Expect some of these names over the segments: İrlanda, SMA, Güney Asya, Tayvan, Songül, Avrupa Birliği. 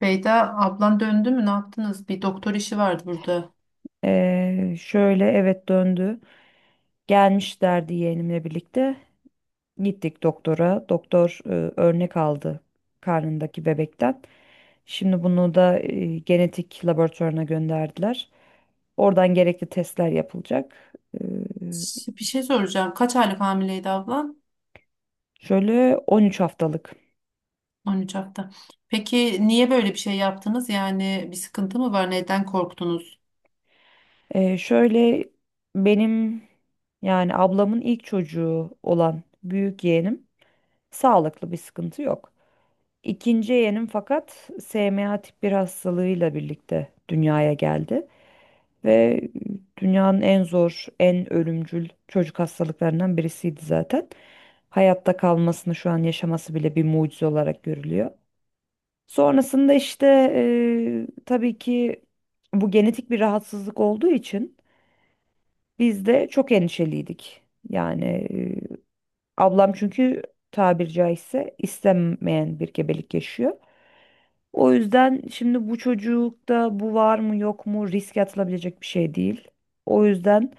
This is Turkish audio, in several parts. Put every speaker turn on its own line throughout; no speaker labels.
Beyda ablan döndü mü ne yaptınız? Bir doktor işi vardı burada.
Şöyle Evet, döndü. Gelmişlerdi yeğenimle birlikte. Gittik doktora. Doktor örnek aldı karnındaki bebekten. Şimdi bunu da genetik laboratuvarına gönderdiler. Oradan gerekli testler yapılacak. Ee,
Bir şey soracağım. Kaç aylık hamileydi ablan?
şöyle 13 haftalık.
13 hafta. Peki niye böyle bir şey yaptınız? Yani bir sıkıntı mı var? Neden korktunuz?
Şöyle benim yani ablamın ilk çocuğu olan büyük yeğenim sağlıklı, bir sıkıntı yok. İkinci yeğenim fakat SMA tip 1 hastalığıyla birlikte dünyaya geldi ve dünyanın en zor, en ölümcül çocuk hastalıklarından birisiydi zaten. Hayatta kalmasını, şu an yaşaması bile bir mucize olarak görülüyor. Sonrasında işte tabii ki bu genetik bir rahatsızlık olduğu için biz de çok endişeliydik. Yani ablam çünkü tabiri caizse istenmeyen bir gebelik yaşıyor. O yüzden şimdi bu çocukta bu var mı yok mu riske atılabilecek bir şey değil. O yüzden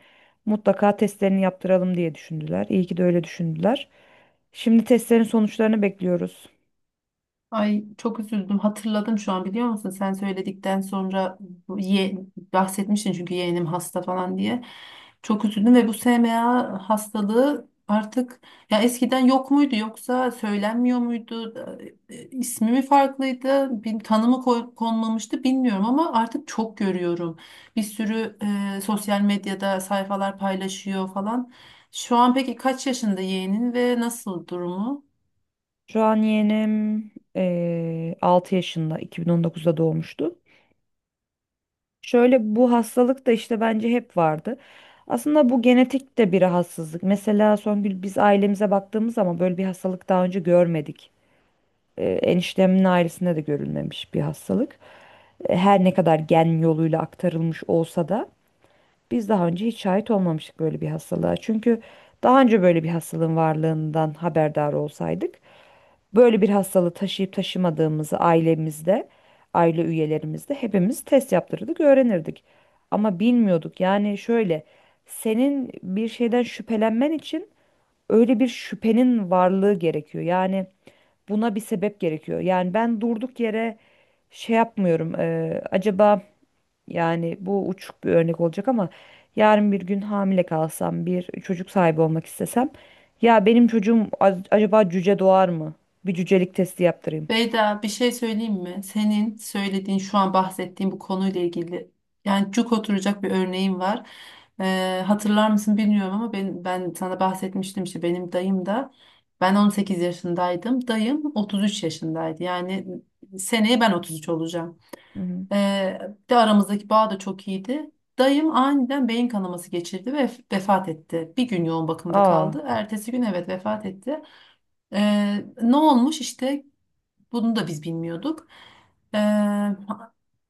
mutlaka testlerini yaptıralım diye düşündüler. İyi ki de öyle düşündüler. Şimdi testlerin sonuçlarını bekliyoruz.
Ay çok üzüldüm. Hatırladım şu an biliyor musun? Sen söyledikten sonra bu ye, bahsetmiştin çünkü yeğenim hasta falan diye. Çok üzüldüm ve bu SMA hastalığı artık ya eskiden yok muydu yoksa söylenmiyor muydu? İsmi mi farklıydı? Bir tanımı konmamıştı bilmiyorum ama artık çok görüyorum. Bir sürü sosyal medyada sayfalar paylaşıyor falan. Şu an peki kaç yaşında yeğenin ve nasıl durumu?
Şu an yeğenim 6 yaşında, 2019'da doğmuştu. Şöyle, bu hastalık da işte bence hep vardı. Aslında bu genetik de bir rahatsızlık. Mesela Songül, biz ailemize baktığımız zaman böyle bir hastalık daha önce görmedik. Eniştemin ailesinde de görülmemiş bir hastalık. Her ne kadar gen yoluyla aktarılmış olsa da biz daha önce hiç şahit olmamıştık böyle bir hastalığa. Çünkü daha önce böyle bir hastalığın varlığından haberdar olsaydık, böyle bir hastalığı taşıyıp taşımadığımızı ailemizde, aile üyelerimizde hepimiz test yaptırırdık, öğrenirdik. Ama bilmiyorduk. Yani şöyle, senin bir şeyden şüphelenmen için öyle bir şüphenin varlığı gerekiyor. Yani buna bir sebep gerekiyor. Yani ben durduk yere şey yapmıyorum. Acaba yani, bu uçuk bir örnek olacak ama, yarın bir gün hamile kalsam, bir çocuk sahibi olmak istesem, ya benim çocuğum acaba cüce doğar mı? Bir cücelik testi yaptırayım.
Beyda bir şey söyleyeyim mi? Senin söylediğin şu an bahsettiğin bu konuyla ilgili yani cuk oturacak bir örneğim var. Hatırlar mısın bilmiyorum ama ben sana bahsetmiştim işte benim dayım da ben 18 yaşındaydım. Dayım 33 yaşındaydı. Yani seneye ben 33 olacağım.
Hı hı.
Ee, de Aramızdaki bağ da çok iyiydi. Dayım aniden beyin kanaması geçirdi ve vefat etti. Bir gün yoğun bakımda
Aa.
kaldı. Ertesi gün evet vefat etti. Ne olmuş işte bunu da biz bilmiyorduk. Ee,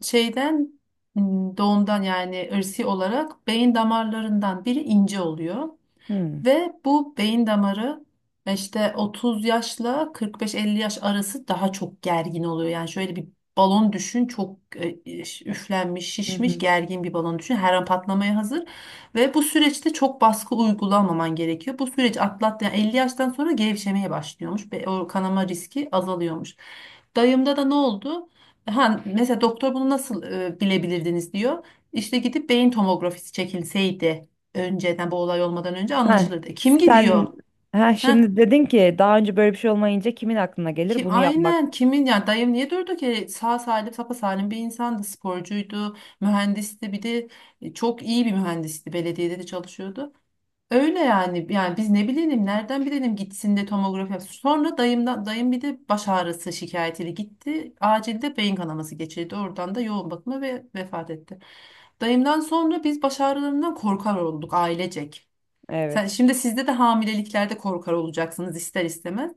şeyden Doğumdan yani ırsi olarak beyin damarlarından biri ince oluyor.
Hı.
Ve bu beyin damarı işte 30 yaşla 45-50 yaş arası daha çok gergin oluyor. Yani şöyle bir balon düşün, çok üflenmiş,
Hı
şişmiş,
hı.
gergin bir balon düşün. Her an patlamaya hazır ve bu süreçte çok baskı uygulamaman gerekiyor. Bu süreç atlattı. Yani 50 yaştan sonra gevşemeye başlıyormuş ve o kanama riski azalıyormuş. Dayımda da ne oldu? Ha, mesela doktor bunu nasıl bilebilirdiniz diyor. İşte gidip beyin tomografisi çekilseydi önceden bu olay olmadan önce
Ha,
anlaşılırdı. Kim gidiyor?
sen ha,
Heh,
şimdi dedin ki daha önce böyle bir şey olmayınca kimin aklına gelir
kim
bunu yapmak?
aynen kimin ya, dayım niye durdu ki, sağ salim sapa salim bir insandı, sporcuydu, mühendisti bir de çok iyi bir mühendisti, belediyede de çalışıyordu. Öyle yani biz ne bilelim, nereden bilelim gitsin de tomografi yapsın. Sonra dayım bir de baş ağrısı şikayetiyle gitti. Acilde beyin kanaması geçirdi. Oradan da yoğun bakıma ve vefat etti. Dayımdan sonra biz baş ağrılarından korkar olduk ailecek. Sen,
Evet.
şimdi sizde de hamileliklerde korkar olacaksınız ister istemez.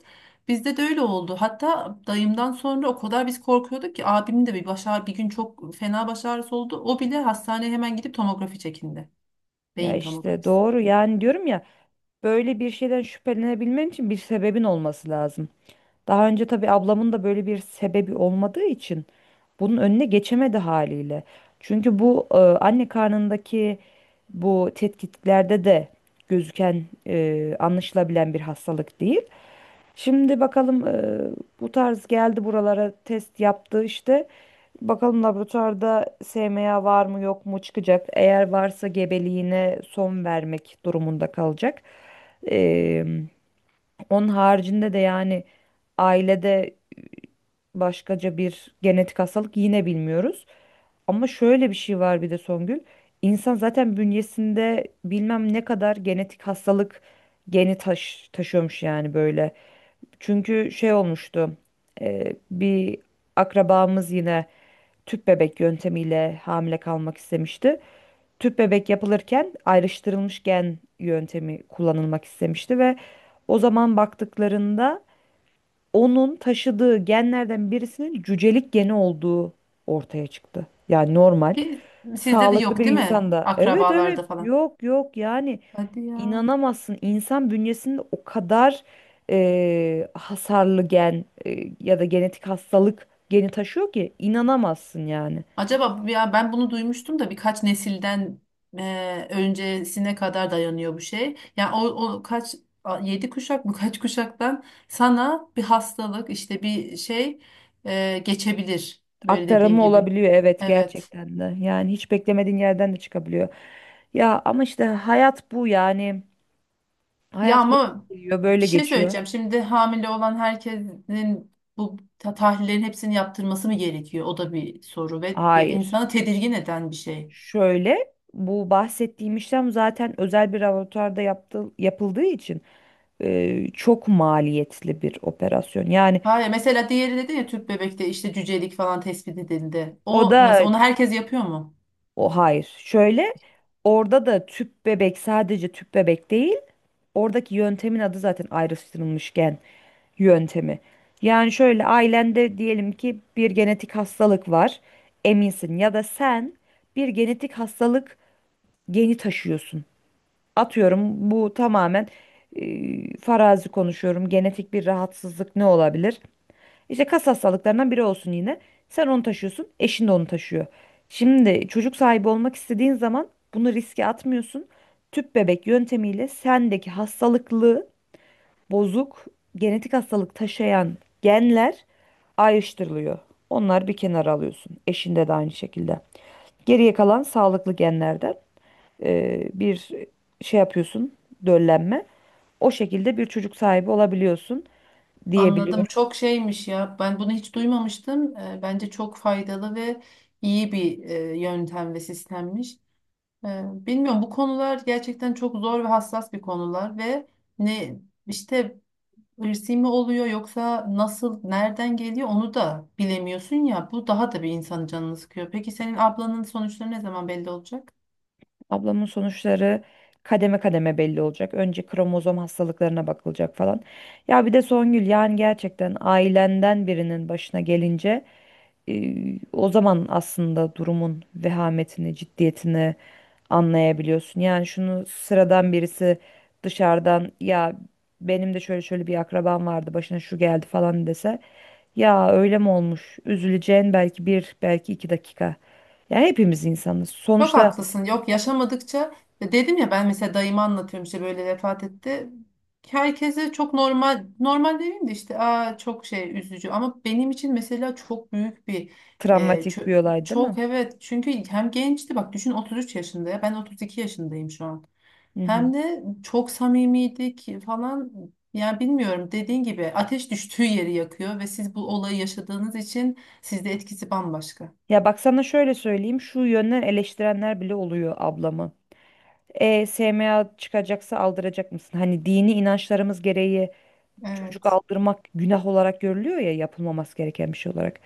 Bizde de öyle oldu. Hatta dayımdan sonra o kadar biz korkuyorduk ki abimin de bir bir gün çok fena baş ağrısı oldu. O bile hastaneye hemen gidip tomografi çekindi.
Ya
Beyin
işte
tomografisi.
doğru, yani diyorum ya, böyle bir şeyden şüphelenebilmen için bir sebebin olması lazım. Daha önce tabii ablamın da böyle bir sebebi olmadığı için bunun önüne geçemedi haliyle. Çünkü bu anne karnındaki bu tetkiklerde de gözüken, anlaşılabilen bir hastalık değil. Şimdi bakalım, bu tarz geldi buralara, test yaptı işte. Bakalım laboratuvarda SMA var mı yok mu çıkacak. Eğer varsa gebeliğine son vermek durumunda kalacak. E, Onun haricinde de yani ailede başkaca bir genetik hastalık yine bilmiyoruz. Ama şöyle bir şey var bir de Songül. İnsan zaten bünyesinde bilmem ne kadar genetik hastalık geni taşıyormuş yani, böyle. Çünkü şey olmuştu. Bir akrabamız yine tüp bebek yöntemiyle hamile kalmak istemişti. Tüp bebek yapılırken ayrıştırılmış gen yöntemi kullanılmak istemişti ve o zaman baktıklarında onun taşıdığı genlerden birisinin cücelik geni olduğu ortaya çıktı. Yani normal,
Ki sizde de
sağlıklı
yok
bir
değil mi?
insan da. Evet evet,
Akrabalarda falan.
yok yok yani.
Hadi ya.
İnanamazsın, insan bünyesinde o kadar hasarlı gen, ya da genetik hastalık geni taşıyor ki inanamazsın yani.
Acaba ya ben bunu duymuştum da birkaç nesilden öncesine kadar dayanıyor bu şey. Yani o kaç yedi kuşak mı kaç kuşaktan sana bir hastalık, işte bir şey geçebilir böyle dediğin
Aktarımı
gibi.
olabiliyor, evet,
Evet.
gerçekten de. Yani hiç beklemediğin yerden de çıkabiliyor. Ya ama işte, hayat bu yani.
Ya
Hayat böyle
ama
geliyor, böyle
bir şey
geçiyor.
söyleyeceğim. Şimdi hamile olan herkesin bu tahlillerin hepsini yaptırması mı gerekiyor? O da bir soru ve bir
Hayır.
insanı tedirgin eden bir şey.
Şöyle, bu bahsettiğim işlem zaten özel bir laboratuvarda yapıldığı için çok maliyetli bir operasyon.
Hayır mesela, diğeri dedi ya, tüp bebekte işte cücelik falan tespit edildi.
O
O nasıl,
da
onu herkes yapıyor mu?
O hayır. Şöyle, orada da tüp bebek, sadece tüp bebek değil. Oradaki yöntemin adı zaten ayrıştırılmış gen yöntemi. Yani şöyle, ailende diyelim ki bir genetik hastalık var. Eminsin ya da sen bir genetik hastalık geni taşıyorsun. Atıyorum, bu tamamen farazi konuşuyorum. Genetik bir rahatsızlık ne olabilir? İşte kas hastalıklarından biri olsun yine. Sen onu taşıyorsun, eşin de onu taşıyor. Şimdi çocuk sahibi olmak istediğin zaman bunu riske atmıyorsun. Tüp bebek yöntemiyle sendeki hastalıklı, bozuk, genetik hastalık taşıyan genler ayrıştırılıyor. Onlar bir kenara alıyorsun. Eşinde de aynı şekilde. Geriye kalan sağlıklı genlerde bir şey yapıyorsun, döllenme. O şekilde bir çocuk sahibi olabiliyorsun
Anladım.
diyebiliyorum.
Çok şeymiş ya. Ben bunu hiç duymamıştım. Bence çok faydalı ve iyi bir yöntem ve sistemmiş. Bilmiyorum, bu konular gerçekten çok zor ve hassas bir konular ve ne işte, ırsi mi oluyor yoksa nasıl, nereden geliyor onu da bilemiyorsun ya. Bu daha da bir insanın canını sıkıyor. Peki senin ablanın sonuçları ne zaman belli olacak?
Ablamın sonuçları kademe kademe belli olacak. Önce kromozom hastalıklarına bakılacak falan. Ya bir de Songül, yani gerçekten ailenden birinin başına gelince e, o zaman aslında durumun vehametini, ciddiyetini anlayabiliyorsun. Yani şunu sıradan birisi dışarıdan, ya benim de şöyle şöyle bir akrabam vardı, başına şu geldi falan dese, ya öyle mi olmuş? Üzüleceğin belki bir, belki iki dakika. Yani hepimiz insanız
Çok
sonuçta.
haklısın. Yok, yaşamadıkça, dedim ya, ben mesela dayımı anlatıyorum işte, böyle vefat etti. Herkese çok normal, normal demeyeyim de işte, aa çok şey üzücü ama benim için mesela çok büyük bir
Travmatik bir olay değil mi?
çok, evet, çünkü hem gençti, bak düşün, 33 yaşında, ya ben 32 yaşındayım şu an.
Hı hı.
Hem de çok samimiydik falan, yani bilmiyorum, dediğin gibi ateş düştüğü yeri yakıyor ve siz bu olayı yaşadığınız için sizde etkisi bambaşka.
Ya bak, sana şöyle söyleyeyim. Şu yönden eleştirenler bile oluyor ablamı. E, SMA çıkacaksa aldıracak mısın? Hani dini inançlarımız gereği çocuk
Evet.
aldırmak günah olarak görülüyor ya, yapılmaması gereken bir şey olarak.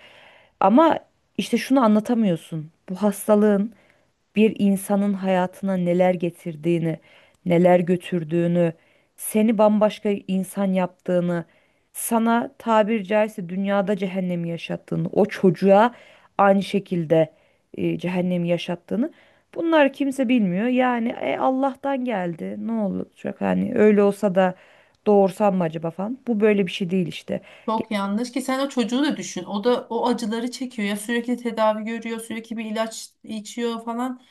Ama işte şunu anlatamıyorsun. Bu hastalığın bir insanın hayatına neler getirdiğini, neler götürdüğünü, seni bambaşka insan yaptığını, sana tabir caizse dünyada cehennemi yaşattığını, o çocuğa aynı şekilde cehennemi yaşattığını, bunlar, kimse bilmiyor. Yani Allah'tan geldi, ne olacak, hani öyle olsa da doğursam mı acaba falan. Bu böyle bir şey değil işte.
Çok yanlış, ki sen o çocuğu da düşün. O da o acıları çekiyor ya, sürekli tedavi görüyor, sürekli bir ilaç içiyor falan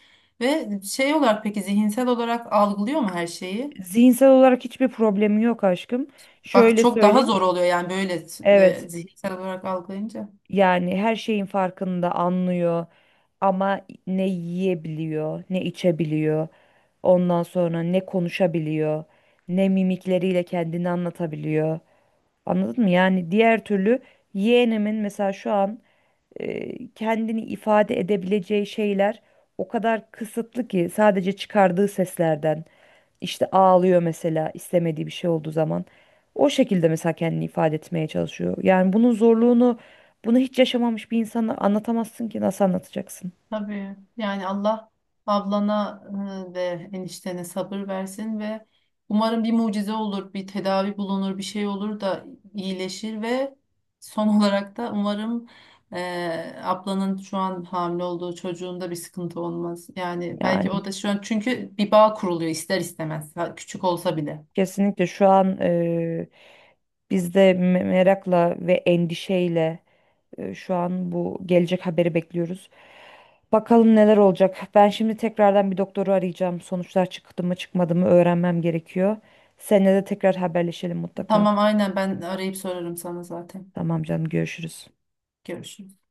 ve şey olarak, peki zihinsel olarak algılıyor mu her şeyi?
Zihinsel olarak hiçbir problemi yok aşkım.
Bak
Şöyle
çok daha
söyleyeyim.
zor oluyor yani, böyle
Evet.
zihinsel olarak algılayınca.
Yani her şeyin farkında, anlıyor, ama ne yiyebiliyor, ne içebiliyor. Ondan sonra ne konuşabiliyor, ne mimikleriyle kendini anlatabiliyor. Anladın mı? Yani diğer türlü, yeğenimin mesela şu an kendini ifade edebileceği şeyler o kadar kısıtlı ki, sadece çıkardığı seslerden, işte ağlıyor mesela istemediği bir şey olduğu zaman, o şekilde mesela kendini ifade etmeye çalışıyor. Yani bunun zorluğunu, bunu hiç yaşamamış bir insana anlatamazsın ki, nasıl anlatacaksın?
Tabii yani, Allah ablana ve eniştene sabır versin ve umarım bir mucize olur, bir tedavi bulunur, bir şey olur da iyileşir ve son olarak da umarım ablanın şu an hamile olduğu çocuğunda bir sıkıntı olmaz. Yani belki
Yani
o da şu an çünkü bir bağ kuruluyor ister istemez ha, küçük olsa bile.
kesinlikle şu an, biz de merakla ve endişeyle, şu an bu gelecek haberi bekliyoruz. Bakalım neler olacak. Ben şimdi tekrardan bir doktoru arayacağım. Sonuçlar çıktı mı çıkmadı mı öğrenmem gerekiyor. Seninle de tekrar haberleşelim mutlaka.
Tamam, aynen, ben arayıp sorarım sana zaten.
Tamam canım, görüşürüz.
Görüşürüz.